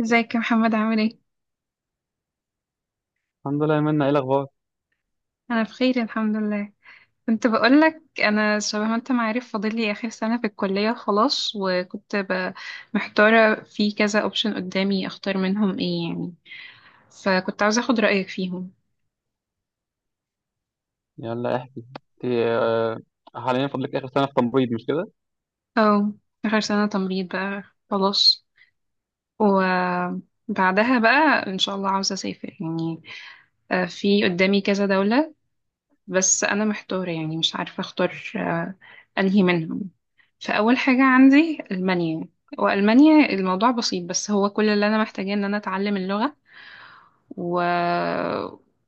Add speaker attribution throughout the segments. Speaker 1: ازيك يا محمد، عامل ايه؟
Speaker 2: الحمد لله يا منى، ايه الاخبار؟
Speaker 1: انا بخير الحمد لله. كنت بقولك انا شبه ما انت ما عارف، فاضل لي اخر سنة في الكلية خلاص، محتارة في كذا اوبشن قدامي اختار منهم ايه يعني. فكنت عاوزة اخد رأيك فيهم.
Speaker 2: يلا احكي. انت حاليا فاضلك اخر سنه في تمريض، مش كده؟
Speaker 1: او اخر سنة تمريض بقى خلاص. وبعدها بقى ان شاء الله عاوزة اسافر يعني. في قدامي كذا دولة. بس انا محتارة يعني مش عارفة اختار انهي منهم. فأول حاجة عندي ألمانيا. وألمانيا الموضوع بسيط، بس هو كل اللي أنا محتاجاه إن أنا أتعلم اللغة و...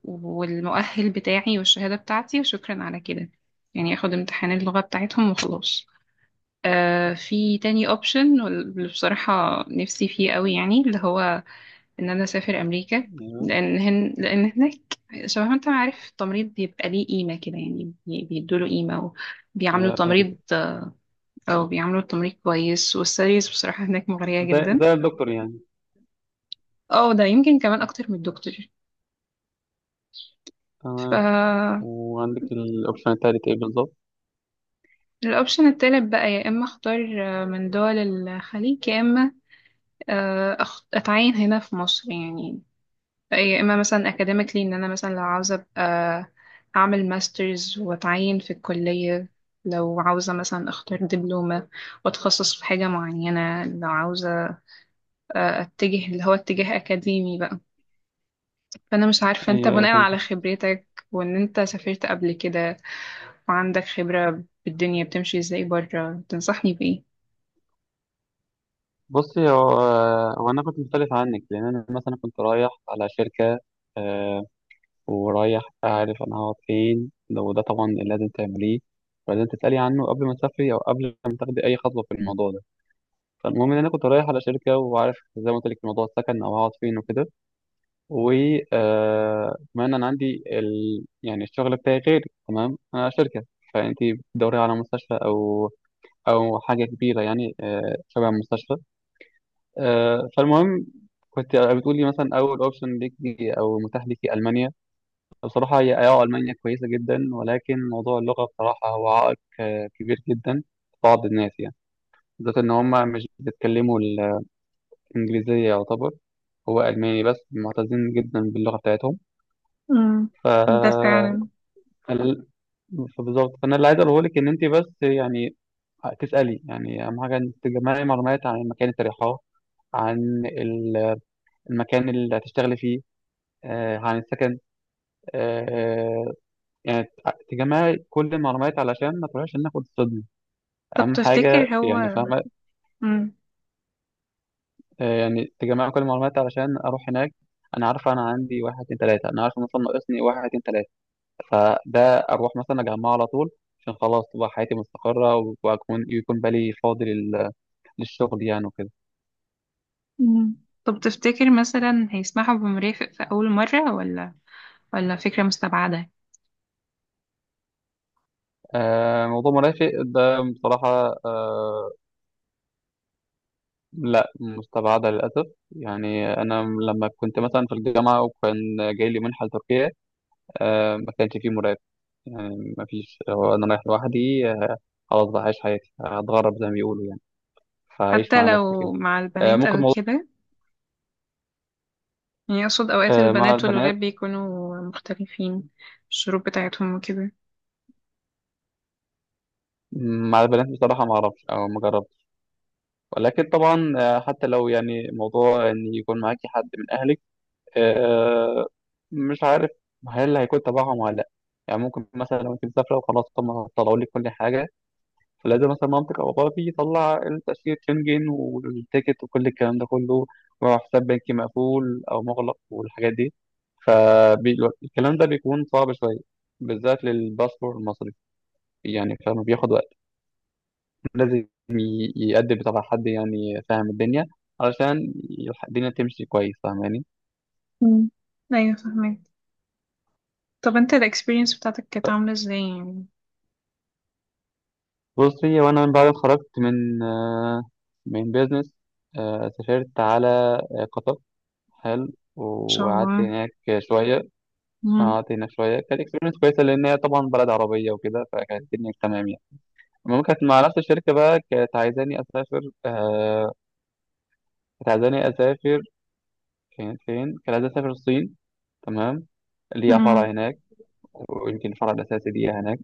Speaker 1: والمؤهل بتاعي والشهادة بتاعتي وشكرا على كده. يعني أخد امتحان اللغة بتاعتهم وخلاص. آه في تاني أوبشن، واللي بصراحة نفسي فيه قوي يعني اللي هو إن أنا أسافر أمريكا.
Speaker 2: ايوه
Speaker 1: لأن هناك شبه ما أنت عارف التمريض بيبقى ليه قيمة كده يعني، بيدوله قيمة، وبيعاملوا
Speaker 2: ايوه
Speaker 1: تمريض.
Speaker 2: فهمت.
Speaker 1: او بيعملوا التمريض كويس، والسيريز بصراحة هناك مغرية
Speaker 2: زي
Speaker 1: جدا.
Speaker 2: زي الدكتور يعني.
Speaker 1: اه ده يمكن كمان اكتر من الدكتور.
Speaker 2: تمام.
Speaker 1: ف
Speaker 2: وعندك الاوبشن التالت ايه بالظبط؟
Speaker 1: الاوبشن التالت بقى، يا اما اختار من دول الخليج، يا اما اتعين هنا في مصر يعني. يا اما مثلا اكاديميكلي ان انا مثلا لو عاوزة ابقى اعمل ماسترز واتعين في الكلية، لو عاوزة مثلا اختار دبلومة واتخصص في حاجة معينة، لو عاوزة اتجه اللي هو اتجاه اكاديمي بقى. فانا مش عارفه انت
Speaker 2: ايوه ايوه
Speaker 1: بناء
Speaker 2: فهمت.
Speaker 1: على خبرتك وان انت سافرت قبل كده وعندك خبره بالدنيا بتمشي ازاي بره، تنصحني بايه؟
Speaker 2: بصي، هو هو انا كنت مختلف عنك، لان انا مثلا كنت رايح على شركه، آه، ورايح اعرف انا هقعد فين. لو ده طبعا اللي لازم تعمليه ولازم تسألي عنه قبل ما تسافري أو قبل ما تاخدي أي خطوة في الموضوع ده. فالمهم إن أنا كنت رايح على شركة وعارف زي ما قلت لك موضوع السكن أو هقعد فين وكده. وكمان انا عندي ال... يعني الشغل بتاعي غير. تمام، انا شركه. فانت بتدوري على مستشفى او او حاجه كبيره يعني، شبه مستشفى. فالمهم، كنت بتقولي مثلا اول اوبشن ليكي او متاح ليكي المانيا. بصراحه هي اه المانيا كويسه جدا، ولكن موضوع اللغه بصراحه هو عائق كبير جدا. بعض الناس يعني بالذات ان هم مش بيتكلموا الانجليزيه يعتبر. هو الماني بس معتزين جدا باللغه بتاعتهم.
Speaker 1: امم
Speaker 2: ف
Speaker 1: ده فعلا.
Speaker 2: ال- فبالظبط. فانا اللي عايز اقوله لك ان انت بس يعني تسالي. يعني اهم حاجه انك تجمعي معلومات عن المكان اللي تريحاه، عن المكان اللي هتشتغلي فيه، عن السكن. آه، يعني تجمعي كل المعلومات علشان ما تروحيش هناك وتصدمي.
Speaker 1: طب
Speaker 2: اهم حاجه
Speaker 1: تفتكر
Speaker 2: يعني،
Speaker 1: هو.
Speaker 2: فاهمه؟
Speaker 1: مم.
Speaker 2: يعني تجمعي كل المعلومات علشان اروح هناك انا عارفه. انا عندي واحد اتنين تلاته انا عارفه، مثلا ناقصني واحد اتنين تلاته، فده اروح مثلا اجمعه على طول، عشان خلاص تبقى حياتي مستقره، واكون يكون بالي فاضي لل للشغل يعني وكده.
Speaker 1: أمم. طب تفتكر مثلا هيسمحوا بمرافق في اول مره، ولا ولا فكره مستبعده؟
Speaker 2: آه، موضوع مرافق ده بصراحة، آه، لا، مستبعدة للأسف. يعني أنا لما كنت مثلا في الجامعة وكان جاي لي منحة لتركيا، آه، ما كانش فيه مرافق. يعني ما فيش، هو أنا رايح لوحدي، آه، خلاص بقى هعيش حياتي، هتغرب زي ما بيقولوا يعني. فهعيش
Speaker 1: حتى
Speaker 2: مع نفسي
Speaker 1: لو
Speaker 2: كده.
Speaker 1: مع
Speaker 2: آه،
Speaker 1: البنات
Speaker 2: ممكن
Speaker 1: او
Speaker 2: موضوع،
Speaker 1: كده؟ يعني اقصد اوقات
Speaker 2: آه، مع
Speaker 1: البنات والولاد
Speaker 2: البنات.
Speaker 1: بيكونوا مختلفين في الشروط بتاعتهم وكده.
Speaker 2: مع البنات بصراحة ما أعرفش أو ما جربتش. ولكن طبعا آه، حتى لو يعني موضوع إن يكون معاكي حد من أهلك، آه، مش عارف هل هيكون تبعهم ولا لا. يعني ممكن مثلا لو انت مسافره وخلاص هم طلعوا لك كل حاجه، فلازم مثلا مامتك او باباك يطلع التاشيره شنجن والتيكت وكل الكلام ده كله، وحساب بنكي مقفول او مغلق والحاجات دي. فالكلام ده بيكون صعب شويه، بالذات للباسبور المصري. يعني فما بياخد وقت، لازم يقدم تبع حد يعني فاهم الدنيا، علشان الدنيا تمشي كويس. فاهماني؟
Speaker 1: أمم. ايوه فهمت. طب انت الاكسبيرينس بتاعتك كانت عامله ازاي يعني؟
Speaker 2: بصي، وانا من بعد ما اتخرجت من من بيزنس، سافرت على قطر. حلو،
Speaker 1: شاء
Speaker 2: وقعدت
Speaker 1: الله.
Speaker 2: هناك شوية.
Speaker 1: مم.
Speaker 2: قعدت هناك شوية. كانت اكسبيرينس كويسة لأن هي طبعا بلد عربية وكده، فكانت الدنيا تمام يعني. المهم، كانت مع نفس الشركة بقى كانت عايزاني أسافر، كانت عايزاني أسافر. كانت فين؟ كانت عايزاني أسافر الصين. تمام، ليها
Speaker 1: مم.
Speaker 2: فرع هناك، ويمكن الفرع الأساسي ليها هناك.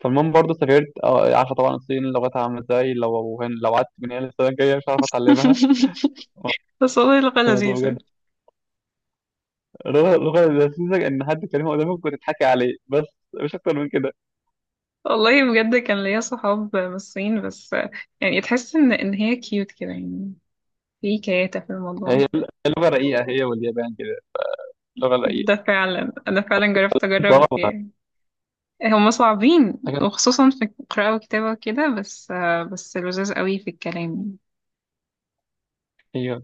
Speaker 2: فالمهم برضه سافرت. عارفة طبعا الصين لغتها عاملة ازاي، لو لو قعدت من هنا للسنة الجاية مش هعرف أتعلمها. آه،
Speaker 1: بس والله لغة
Speaker 2: الموضوع
Speaker 1: لذيذة.
Speaker 2: بجد. اللغة لذيذة إن حد كلمة قدامك وتضحكي عليه بس، مش أكتر من كده.
Speaker 1: والله بجد كان ليا صحاب من الصين، بس يعني تحس ان هي كيوت كده يعني، في كياتة في
Speaker 2: هي
Speaker 1: الموضوع.
Speaker 2: هي لغة رقيقة، هي واليابان كده لغة رقيقة.
Speaker 1: ده فعلا انا فعلا جربت اجرب
Speaker 2: طبعا
Speaker 1: يعني. هم صعبين،
Speaker 2: حاجة.
Speaker 1: وخصوصا في القراءة والكتابة وكده، بس بس لذاذ قوي في الكلام.
Speaker 2: أيوه.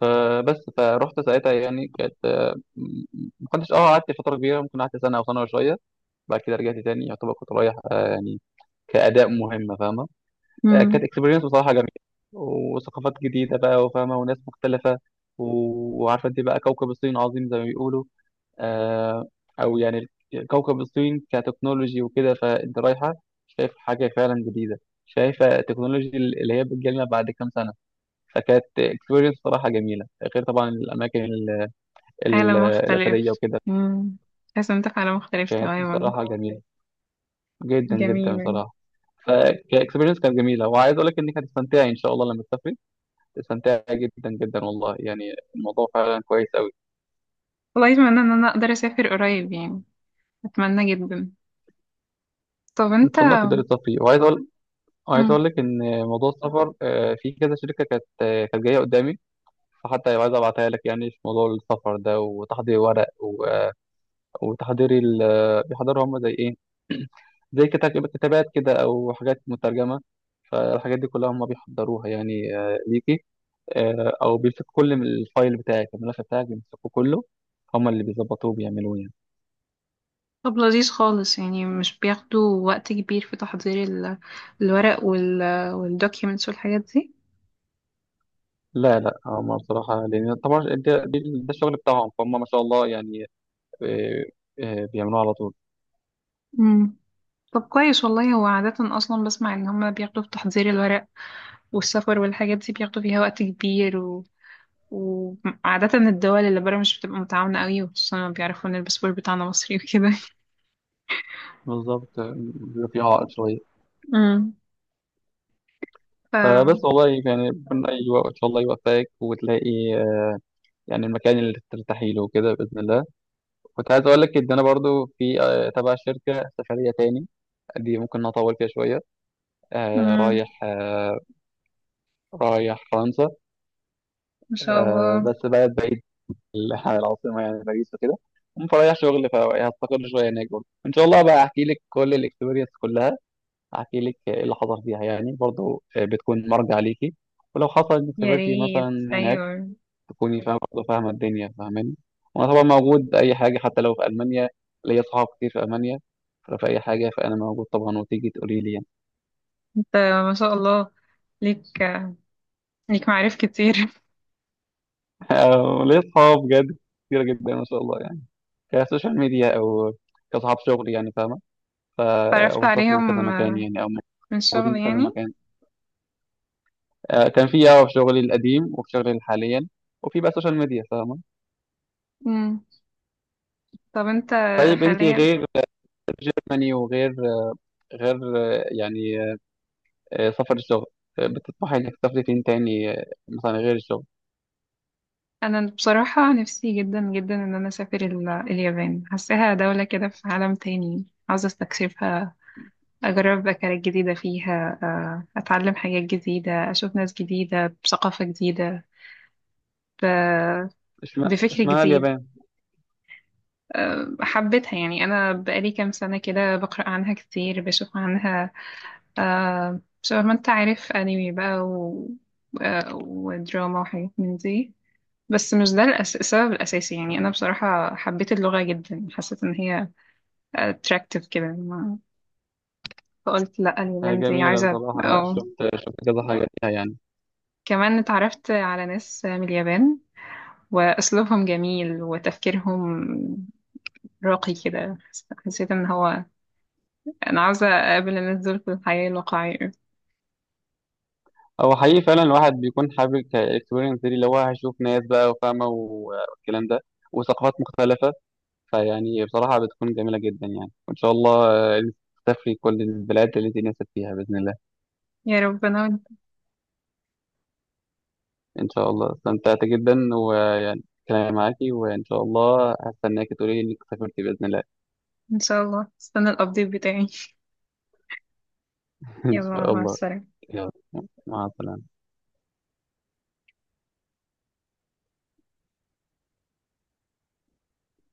Speaker 2: فبس، فروحت ساعتها يعني كانت، ما كنتش اه، قعدت فترة كبيرة، ممكن قعدت سنة أو سنة وشوية. بعد كده رجعت تاني. يعتبر كنت رايح يعني كأداء مهمة، فاهمة؟
Speaker 1: امم
Speaker 2: كانت اكسبيرينس بصراحة جميلة، وثقافات جديدة بقى، وفاهمة وناس مختلفة. وعارفة انت بقى كوكب الصين عظيم زي ما بيقولوا، آه، او يعني كوكب الصين كتكنولوجي وكده. فانت رايحه شايف حاجه فعلا جديده، شايفه التكنولوجي اللي هي بتجيلنا بعد كام سنه. فكانت اكسبيرينس صراحه جميله، غير طبعا الاماكن
Speaker 1: عالم
Speaker 2: الاثريه
Speaker 1: مختلف.
Speaker 2: وكده.
Speaker 1: امم. تحس إن انت في عالم مختلف
Speaker 2: كانت
Speaker 1: تماما.
Speaker 2: بصراحه جميله جدا جدا
Speaker 1: جميل يعني.
Speaker 2: بصراحه. فكاكسبيرينس كانت جميله، وعايز اقول لك انك هتستمتعي ان شاء الله لما تسافري. تستمتعي جدا جدا والله، يعني الموضوع فعلا كويس قوي.
Speaker 1: والله اتمنى ان انا اقدر اسافر قريب يعني، اتمنى جدا. طب
Speaker 2: ان
Speaker 1: انت.
Speaker 2: شاء الله تقدري تسافري. وعايز اقول عايز اقول
Speaker 1: مم.
Speaker 2: لك ان موضوع السفر، في كذا شركه كانت، كانت جايه قدامي، فحتى عايز ابعتها لك يعني في موضوع السفر ده، وتحضير ورق وتحضير ال آه، بيحضروا هم زي ايه زي كتابات كده او حاجات مترجمه. فالحاجات دي كلها هم بيحضروها يعني، ليكي. او بيمسكوا كل من الفايل بتاعك الملف بتاعك، بيمسكوا كله، هم اللي بيظبطوه بيعملوه يعني.
Speaker 1: طب لذيذ خالص يعني، مش بياخدوا وقت كبير في تحضير الورق والدوكيومنتس والحاجات دي؟
Speaker 2: لا لا، هم بصراحه لان طبعا ده, ده الشغل بتاعهم، فهم ما شاء الله يعني، آه، بيعملوه على طول.
Speaker 1: مم. طب كويس والله. هو عادة أصلا بسمع إن هما بياخدوا في تحضير الورق والسفر والحاجات دي بياخدوا فيها وقت كبير وعادة الدول اللي برا مش بتبقى متعاونة قوي، وخصوصا لما بيعرفوا إن الباسبور بتاعنا مصري وكده.
Speaker 2: بالظبط، بيبقى في عائق شوية.
Speaker 1: مم. ف.
Speaker 2: فبس والله، يعني ربنا يوفق، إن شاء الله يوفقك وتلاقي يعني المكان اللي ترتاحي له كده بإذن الله. كنت عايز أقول لك إن أنا برضو في تبع شركة سفرية تاني، دي ممكن نطول فيها شوية.
Speaker 1: مم.
Speaker 2: رايح رايح فرنسا.
Speaker 1: ما شاء الله.
Speaker 2: بس بلد بعيد عن العاصمة يعني باريس وكده. المهم، فرايح شغل، فهستقر شوية هناك برضه إن شاء الله، بقى أحكي لك كل الإكسبيرينس كلها، احكي لك ايه اللي حصل فيها يعني. برضو بتكون مرجع ليكي، ولو حصل انك
Speaker 1: يا
Speaker 2: سافرتي
Speaker 1: ريت
Speaker 2: مثلا هناك
Speaker 1: أيوة.
Speaker 2: تكوني فاهمه برضه، فاهمه الدنيا. فاهماني؟ وانا طبعا موجود اي حاجه، حتى لو في المانيا، ليا صحاب كتير في المانيا، فلو في اي حاجه فانا موجود طبعا، وتيجي تقولي لي يعني.
Speaker 1: انت ما شاء الله، ليك ليك معارف كتير
Speaker 2: ليا صحاب بجد كتير جدا ما شاء الله يعني، كسوشيال ميديا او كصحاب شغل، يعني فاهمه. ف
Speaker 1: تعرفت
Speaker 2: او سافروا كذا
Speaker 1: عليهم
Speaker 2: مكان يعني، او
Speaker 1: من
Speaker 2: موجودين
Speaker 1: الشغل
Speaker 2: في كذا
Speaker 1: يعني.
Speaker 2: مكان. كان في اه في شغلي القديم وفي شغلي حاليا، وفي بقى سوشيال ميديا، فاهمه؟
Speaker 1: مم. طب انت
Speaker 2: طيب انت
Speaker 1: حاليا.
Speaker 2: غير جيرماني، وغير غير يعني سفر الشغل، بتطمحي انك تسافري فين تاني مثلا غير الشغل؟
Speaker 1: انا بصراحة نفسي جدا جدا ان انا اسافر اليابان، حاساها دولة كده في عالم تاني، عاوزة استكشفها، اجرب اكلات جديدة فيها، اتعلم حاجات جديدة، اشوف ناس جديدة بثقافة جديدة، ب-
Speaker 2: اشمعنى
Speaker 1: بفكر
Speaker 2: اشمعنى
Speaker 1: جديد.
Speaker 2: اليابان؟
Speaker 1: حبيتها يعني، انا بقالي كام سنة كده بقرأ عنها كتير بشوف عنها. آه شبه ما انت عارف انمي بقى آه ودراما وحاجات من دي. بس مش ده السبب الأساسي يعني. أنا بصراحة حبيت اللغة جدا، حسيت إن هي attractive كده ما... فقلت لأ اليابان دي
Speaker 2: جميلة
Speaker 1: عايزة.
Speaker 2: بصراحة،
Speaker 1: اه
Speaker 2: شفت كذا حاجة فيها يعني.
Speaker 1: كمان اتعرفت على ناس من اليابان، وأسلوبهم جميل وتفكيرهم راقي كده، حسيت إن هو أنا عاوزة أقابل الناس دول في الحياة الواقعية.
Speaker 2: هو حقيقي فعلا الواحد بيكون حابب الاكسبيرينس دي، اللي هو هيشوف ناس بقى وفاهمة والكلام ده، وثقافات مختلفة. فيعني بصراحة بتكون جميلة جدا يعني، وإن شاء الله آه، تسافري كل البلاد اللي انت نفسك فيها بإذن الله.
Speaker 1: يا رب أنا وإنت.
Speaker 2: ان شاء الله. استمتعت جدا، ويعني كلامي معاكي، وان شاء الله هستناك تقولي لي انك سافرتي باذن الله.
Speaker 1: إن شاء الله استنى الأبديت بتاعي.
Speaker 2: ان
Speaker 1: يلا
Speaker 2: شاء
Speaker 1: مع
Speaker 2: الله.
Speaker 1: السلامة.
Speaker 2: يلا مع السلامه.